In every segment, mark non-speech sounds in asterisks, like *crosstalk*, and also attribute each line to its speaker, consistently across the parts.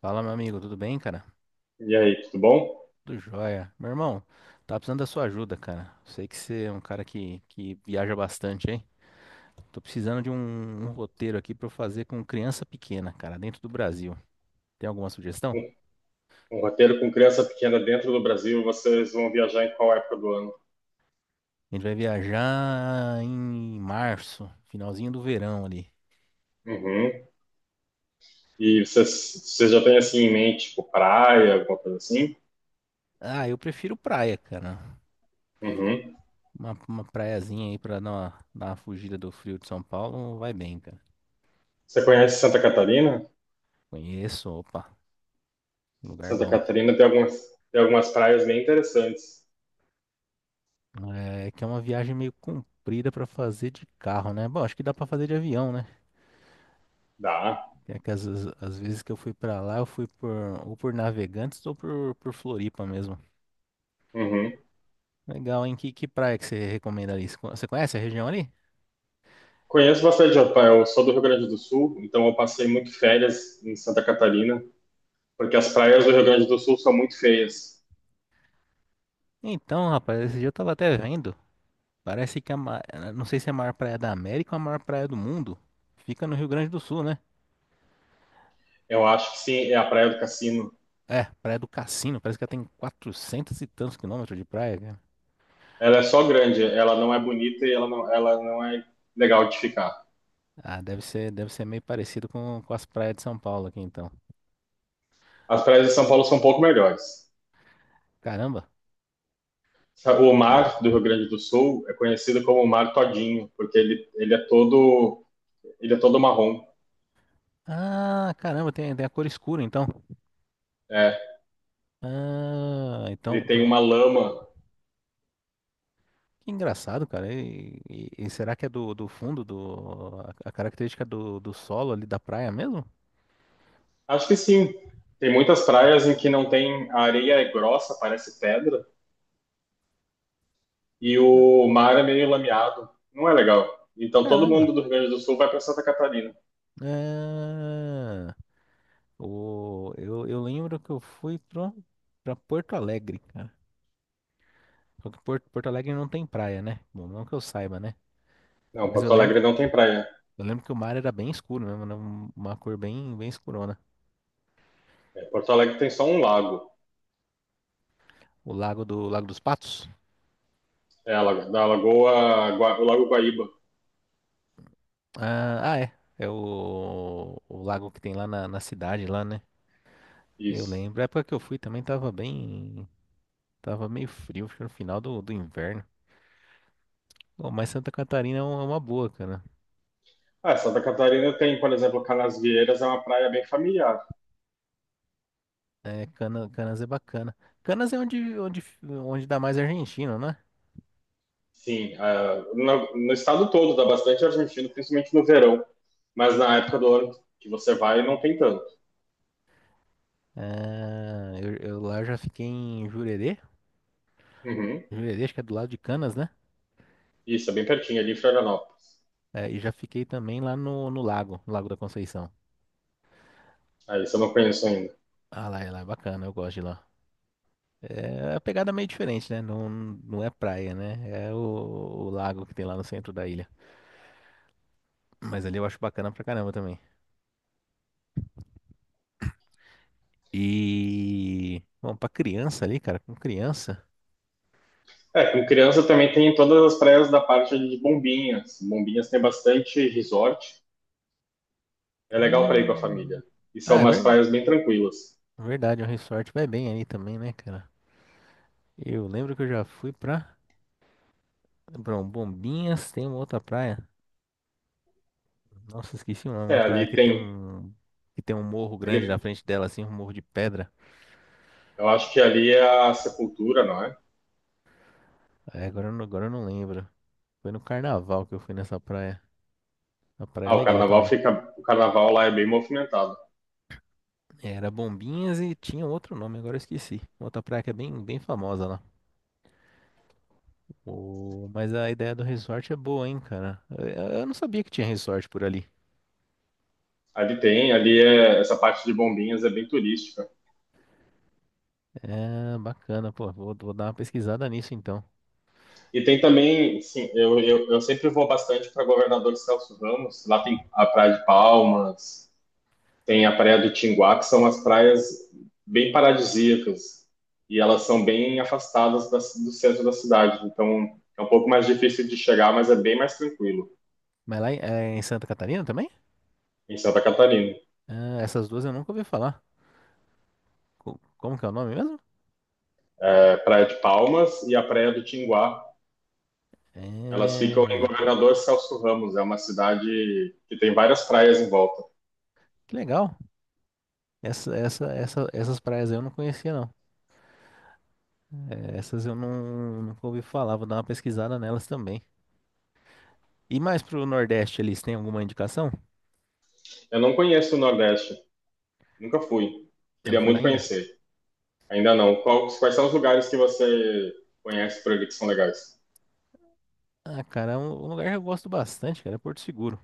Speaker 1: Fala, meu amigo, tudo bem, cara?
Speaker 2: E aí, tudo bom?
Speaker 1: Tudo jóia. Meu irmão, tá precisando da sua ajuda, cara. Sei que você é um cara que viaja bastante, hein? Tô precisando de um roteiro aqui pra eu fazer com criança pequena, cara, dentro do Brasil. Tem alguma sugestão?
Speaker 2: Um, um roteiro com criança pequena dentro do Brasil, vocês vão viajar em qual época do ano?
Speaker 1: A gente vai viajar em março, finalzinho do verão ali.
Speaker 2: Uhum. E vocês já têm assim em mente, tipo, praia, alguma coisa assim?
Speaker 1: Ah, eu prefiro praia, cara.
Speaker 2: Uhum.
Speaker 1: Uma praiazinha aí pra dar uma fugida do frio de São Paulo vai bem, cara.
Speaker 2: Você conhece Santa Catarina?
Speaker 1: Conheço, opa, lugar
Speaker 2: Santa
Speaker 1: bom.
Speaker 2: Catarina tem algumas praias bem interessantes.
Speaker 1: É, que é uma viagem meio comprida pra fazer de carro, né? Bom, acho que dá pra fazer de avião, né?
Speaker 2: Dá.
Speaker 1: É que às vezes que eu fui pra lá, eu fui por ou por Navegantes ou por Floripa mesmo.
Speaker 2: Uhum.
Speaker 1: Legal, hein? Que praia que você recomenda ali? Você conhece a região ali?
Speaker 2: Conheço bastante, eu sou do Rio Grande do Sul, então eu passei muito férias em Santa Catarina, porque as praias do Rio Grande do Sul são muito feias.
Speaker 1: Então, rapaz, esse dia eu tava até vendo. Parece que é a não sei se é a maior praia da América ou a maior praia do mundo. Fica no Rio Grande do Sul, né?
Speaker 2: Eu acho que sim, é a Praia do Cassino.
Speaker 1: É, Praia do Cassino. Parece que ela tem 400 e tantos quilômetros de praia, cara.
Speaker 2: Ela é só grande, ela não é bonita e ela não é legal de ficar.
Speaker 1: Ah, deve ser meio parecido com as praias de São Paulo aqui, então.
Speaker 2: As praias de São Paulo são um pouco melhores.
Speaker 1: Caramba.
Speaker 2: O
Speaker 1: Não.
Speaker 2: mar do Rio Grande do Sul é conhecido como o mar todinho, porque ele é todo, ele é todo marrom.
Speaker 1: Ah, caramba, tem a cor escura, então.
Speaker 2: É,
Speaker 1: Ah,
Speaker 2: ele
Speaker 1: então,
Speaker 2: tem
Speaker 1: então-
Speaker 2: uma lama.
Speaker 1: Que engraçado, cara. E será que é do fundo, a característica do solo ali da praia mesmo?
Speaker 2: Acho que sim. Tem muitas praias em que não tem, a areia é grossa, parece pedra, e o mar é meio lameado. Não é legal. Então todo
Speaker 1: Caramba.
Speaker 2: mundo do Rio Grande do Sul vai para Santa Catarina.
Speaker 1: Ah, eu lembro que eu fui pra Porto Alegre, cara. Só que Porto Alegre não tem praia, né? Bom, não que eu saiba, né?
Speaker 2: Não,
Speaker 1: Mas
Speaker 2: Porto Alegre não tem praia.
Speaker 1: eu lembro que o mar era bem escuro mesmo, né? Uma cor bem escurona.
Speaker 2: É, Porto Alegre tem só um lago.
Speaker 1: O lago do, Lago dos Patos?
Speaker 2: É, da Lagoa, o Lago Guaíba.
Speaker 1: Ah, ah, é. É o lago que tem na cidade, lá, né? Eu
Speaker 2: Isso.
Speaker 1: lembro. A época que eu fui também tava bem. Tava meio frio, acho que no final do inverno. Bom, mas Santa Catarina é uma boa, cara.
Speaker 2: Ah, Santa Catarina tem, por exemplo, Canasvieiras, é uma praia bem familiar.
Speaker 1: Canas é bacana. Canas é onde dá mais argentino, né?
Speaker 2: Sim, ah, no estado todo dá bastante argentino, principalmente no verão. Mas na época do ano que você vai, não tem tanto.
Speaker 1: Ah, eu lá já fiquei em Jurerê.
Speaker 2: Uhum.
Speaker 1: Jurerê, acho que é do lado de Canas, né?
Speaker 2: Isso, é bem pertinho, ali em Florianópolis.
Speaker 1: É, e já fiquei também lá no lago, no Lago da Conceição.
Speaker 2: Ah, isso eu não conheço ainda.
Speaker 1: Ah, lá, lá é bacana, eu gosto de lá. É a pegada é meio diferente, né? Não é praia, né? É o lago que tem lá no centro da ilha. Mas ali eu acho bacana pra caramba também. E, bom, pra criança ali, cara, com criança.
Speaker 2: É, com criança também tem todas as praias da parte ali de Bombinhas. Bombinhas tem bastante resort. É legal para ir
Speaker 1: Ah,
Speaker 2: com a família. E são
Speaker 1: ah, é
Speaker 2: umas
Speaker 1: ver-
Speaker 2: praias bem tranquilas.
Speaker 1: Verdade, o resort vai bem aí também, né, cara? Eu lembro que eu já fui pra. Bom, Bombinhas tem uma outra praia. Nossa, esqueci
Speaker 2: É,
Speaker 1: uma praia
Speaker 2: ali
Speaker 1: que tem
Speaker 2: tem,
Speaker 1: um. Que tem um morro grande na
Speaker 2: ali
Speaker 1: frente dela, assim, um morro de pedra.
Speaker 2: eu acho que ali é a sepultura, não é?
Speaker 1: É, agora eu não lembro. Foi no carnaval que eu fui nessa praia. A praia é
Speaker 2: Ah, o
Speaker 1: legal
Speaker 2: carnaval
Speaker 1: também.
Speaker 2: fica, o carnaval lá é bem movimentado.
Speaker 1: Era Bombinhas e tinha outro nome, agora eu esqueci. Outra praia que é bem famosa lá. O... Mas a ideia do resort é boa, hein, cara? Eu não sabia que tinha resort por ali.
Speaker 2: Ali tem, ali é, essa parte de bombinhas é bem turística.
Speaker 1: É, bacana, pô. Vou dar uma pesquisada nisso então.
Speaker 2: E tem também, sim, eu sempre vou bastante para Governador Celso Ramos. Lá tem a Praia de Palmas, tem a Praia do Tinguá, que são as praias bem paradisíacas. E elas são bem afastadas do centro da cidade. Então é um pouco mais difícil de chegar, mas é bem mais tranquilo.
Speaker 1: Mas lá em, é em Santa Catarina também?
Speaker 2: Em Santa Catarina.
Speaker 1: Ah, essas duas eu nunca ouvi falar. Como que é o nome mesmo?
Speaker 2: É a Praia de Palmas e a Praia do Tinguá. Elas ficam em
Speaker 1: É.
Speaker 2: Governador Celso Ramos, é uma cidade que tem várias praias em volta.
Speaker 1: Que legal. Essas praias eu não conhecia, não. É, essas eu não, nunca ouvi falar. Vou dar uma pesquisada nelas também. E mais pro Nordeste ali, você tem alguma indicação?
Speaker 2: Eu não conheço o Nordeste, nunca fui.
Speaker 1: Você não
Speaker 2: Queria
Speaker 1: foi lá
Speaker 2: muito
Speaker 1: ainda?
Speaker 2: conhecer, ainda não. Qual- Quais são os lugares que você conhece por aqui que são legais?
Speaker 1: Ah, cara, é um lugar que eu gosto bastante, cara, é Porto Seguro.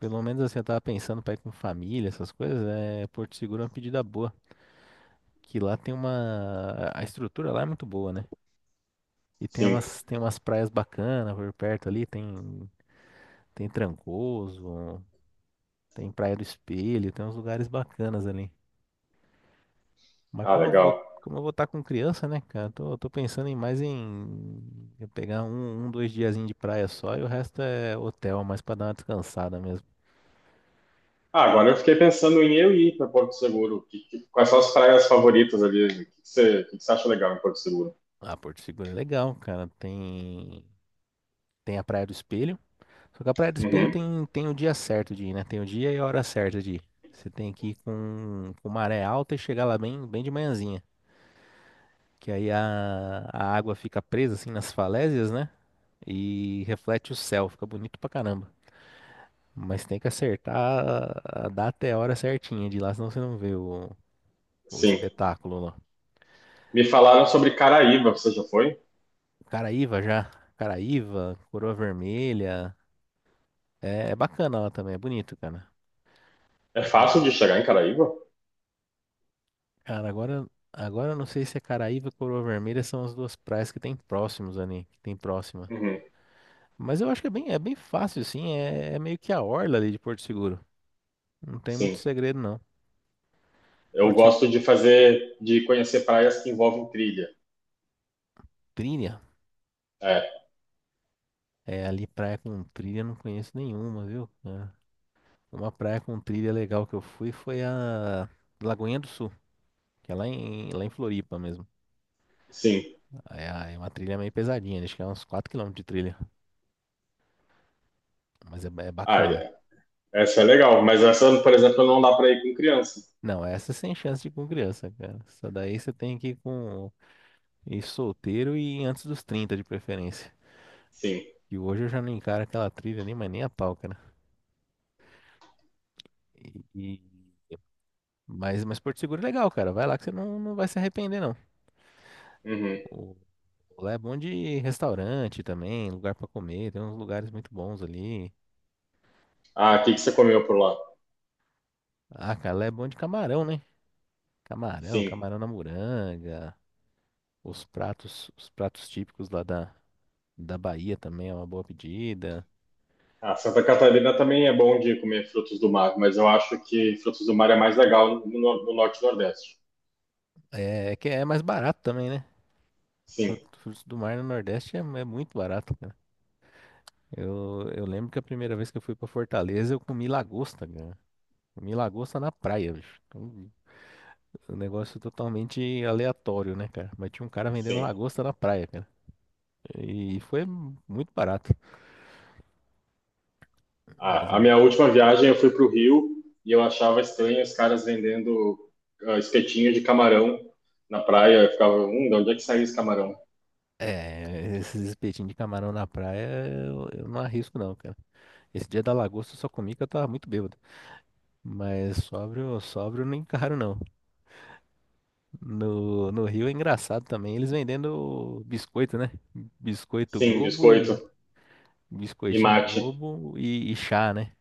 Speaker 1: Pelo menos assim, eu tava pensando pra ir com família, essas coisas, é Porto Seguro é uma pedida boa. Que lá tem uma. A estrutura lá é muito boa, né? E
Speaker 2: Sim.
Speaker 1: tem umas praias bacanas por perto ali, tem, tem Trancoso, tem Praia do Espelho, tem uns lugares bacanas ali. Mas
Speaker 2: Ah, legal.
Speaker 1: como eu vou estar com criança, né, cara? Tô pensando em mais em eu pegar dois diazinhos de praia só e o resto é hotel, mais pra dar uma descansada mesmo.
Speaker 2: Ah, agora eu fiquei pensando em eu ir para Porto Seguro. Que- Quais são as praias favoritas ali? O que que você, o que que você acha legal em Porto Seguro?
Speaker 1: Ah, Porto Seguro é legal, cara. Tem a Praia do Espelho. Só que a Praia do Espelho
Speaker 2: Uhum,
Speaker 1: tem o dia certo de ir, né? Tem o dia e a hora certa de ir. Você tem que ir com maré alta e chegar lá bem de manhãzinha. Que aí a água fica presa assim nas falésias, né? E reflete o céu, fica bonito pra caramba. Mas tem que acertar a data e a hora certinha de ir lá, senão você não vê o
Speaker 2: sim.
Speaker 1: espetáculo lá.
Speaker 2: Me falaram sobre Caraíva, você já foi?
Speaker 1: Caraíva já. Caraíva, Coroa Vermelha. É, é bacana lá também, é bonito, cara.
Speaker 2: É fácil de chegar em Caraíva?
Speaker 1: Cara, agora, agora eu não sei se é Caraíva ou Coroa Vermelha são as duas praias que tem próximos ali, que tem próxima.
Speaker 2: Uhum,
Speaker 1: Mas eu acho que é bem fácil, assim, é meio que a orla ali de Porto Seguro. Não tem muito
Speaker 2: sim.
Speaker 1: segredo, não.
Speaker 2: Eu
Speaker 1: Porto, Se-
Speaker 2: gosto de fazer, de conhecer praias que envolvem trilha.
Speaker 1: Trilha,
Speaker 2: É,
Speaker 1: é, ali praia com trilha eu não conheço nenhuma, viu? É. Uma praia com trilha legal que eu fui foi a Lagoinha do Sul, que é lá em Floripa mesmo.
Speaker 2: sim.
Speaker 1: É, é uma trilha meio pesadinha, acho que é uns 4 quilômetros de trilha, mas é
Speaker 2: Ah,
Speaker 1: bacana.
Speaker 2: é, essa é legal, mas essa, por exemplo, não dá para ir com criança.
Speaker 1: Não, essa é sem chance de ir com criança, cara. Só daí você tem que ir com ir solteiro e antes dos 30 de preferência.
Speaker 2: Sim.
Speaker 1: E hoje eu já não encaro aquela trilha ali, mas nem a pau, cara. E, e- mas Porto Seguro é legal, cara. Vai lá que você não vai se arrepender, não.
Speaker 2: Uhum.
Speaker 1: O... Lá é bom de restaurante também, lugar pra comer, tem uns lugares muito bons ali.
Speaker 2: Ah, o que que você comeu por lá?
Speaker 1: Ah, cara, lá é bom de camarão, né? Camarão,
Speaker 2: Sim.
Speaker 1: camarão na moranga, os pratos típicos lá da, da Bahia também é uma boa pedida.
Speaker 2: Ah, Santa Catarina também é bom de comer frutos do mar, mas eu acho que frutos do mar é mais legal no norte e nordeste.
Speaker 1: É, é que é mais barato também, né?
Speaker 2: Sim,
Speaker 1: Frutos do mar no Nordeste é muito barato, cara. Eu lembro que a primeira vez que eu fui pra Fortaleza, eu comi lagosta, cara. Comi lagosta na praia, bicho. Um negócio totalmente aleatório, né, cara? Mas tinha um cara vendendo
Speaker 2: sim.
Speaker 1: lagosta na praia, cara. E foi muito barato. Mas
Speaker 2: Ah,
Speaker 1: é
Speaker 2: a
Speaker 1: um.
Speaker 2: minha última viagem eu fui para o Rio e eu achava estranho os caras vendendo ah, espetinho de camarão na praia. Eu ficava, de onde é que saiu esse camarão?
Speaker 1: É, esses espetinhos de camarão na praia eu não arrisco não, cara. Esse dia da lagosta eu só comi que eu tava muito bêbado. Mas sóbrio, sóbrio nem caro não. No Rio é engraçado também, eles vendendo biscoito, né? Biscoito
Speaker 2: Sim,
Speaker 1: Globo e
Speaker 2: biscoito e
Speaker 1: biscoitinho
Speaker 2: mate.
Speaker 1: Globo e chá, né?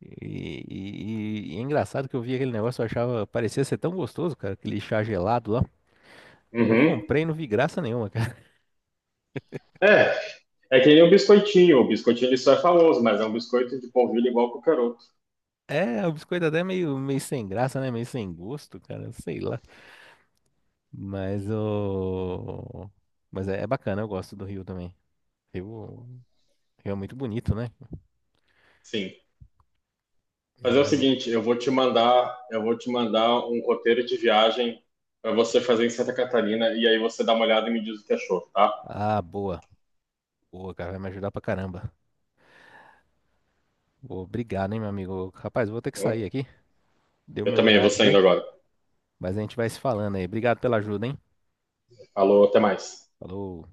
Speaker 1: E é engraçado que eu vi aquele negócio, eu achava, parecia ser tão gostoso, cara, aquele chá gelado lá. Aí eu
Speaker 2: Uhum.
Speaker 1: comprei e não vi graça nenhuma, cara. *laughs*
Speaker 2: É, é que nem o biscoitinho. O biscoitinho ele só é famoso, mas é um biscoito de polvilho igual qualquer outro.
Speaker 1: É, o biscoito até é meio sem graça, né? Meio sem gosto, cara, sei lá. Mas o. Mas é bacana, eu gosto do Rio também. Rio, Rio é muito bonito, né?
Speaker 2: Sim.
Speaker 1: Um
Speaker 2: Fazer o
Speaker 1: lugar.
Speaker 2: seguinte, eu vou te mandar um roteiro de viagem para você fazer em Santa Catarina e aí você dá uma olhada e me diz o que achou, tá?
Speaker 1: Ah, boa. Boa, cara, vai me ajudar pra caramba. Obrigado, hein, meu amigo. Rapaz, eu vou ter que sair aqui. Deu
Speaker 2: Eu
Speaker 1: meu
Speaker 2: também vou
Speaker 1: horário aqui,
Speaker 2: saindo agora.
Speaker 1: mas a gente vai se falando aí. Obrigado pela ajuda, hein?
Speaker 2: Falou, até mais.
Speaker 1: Falou.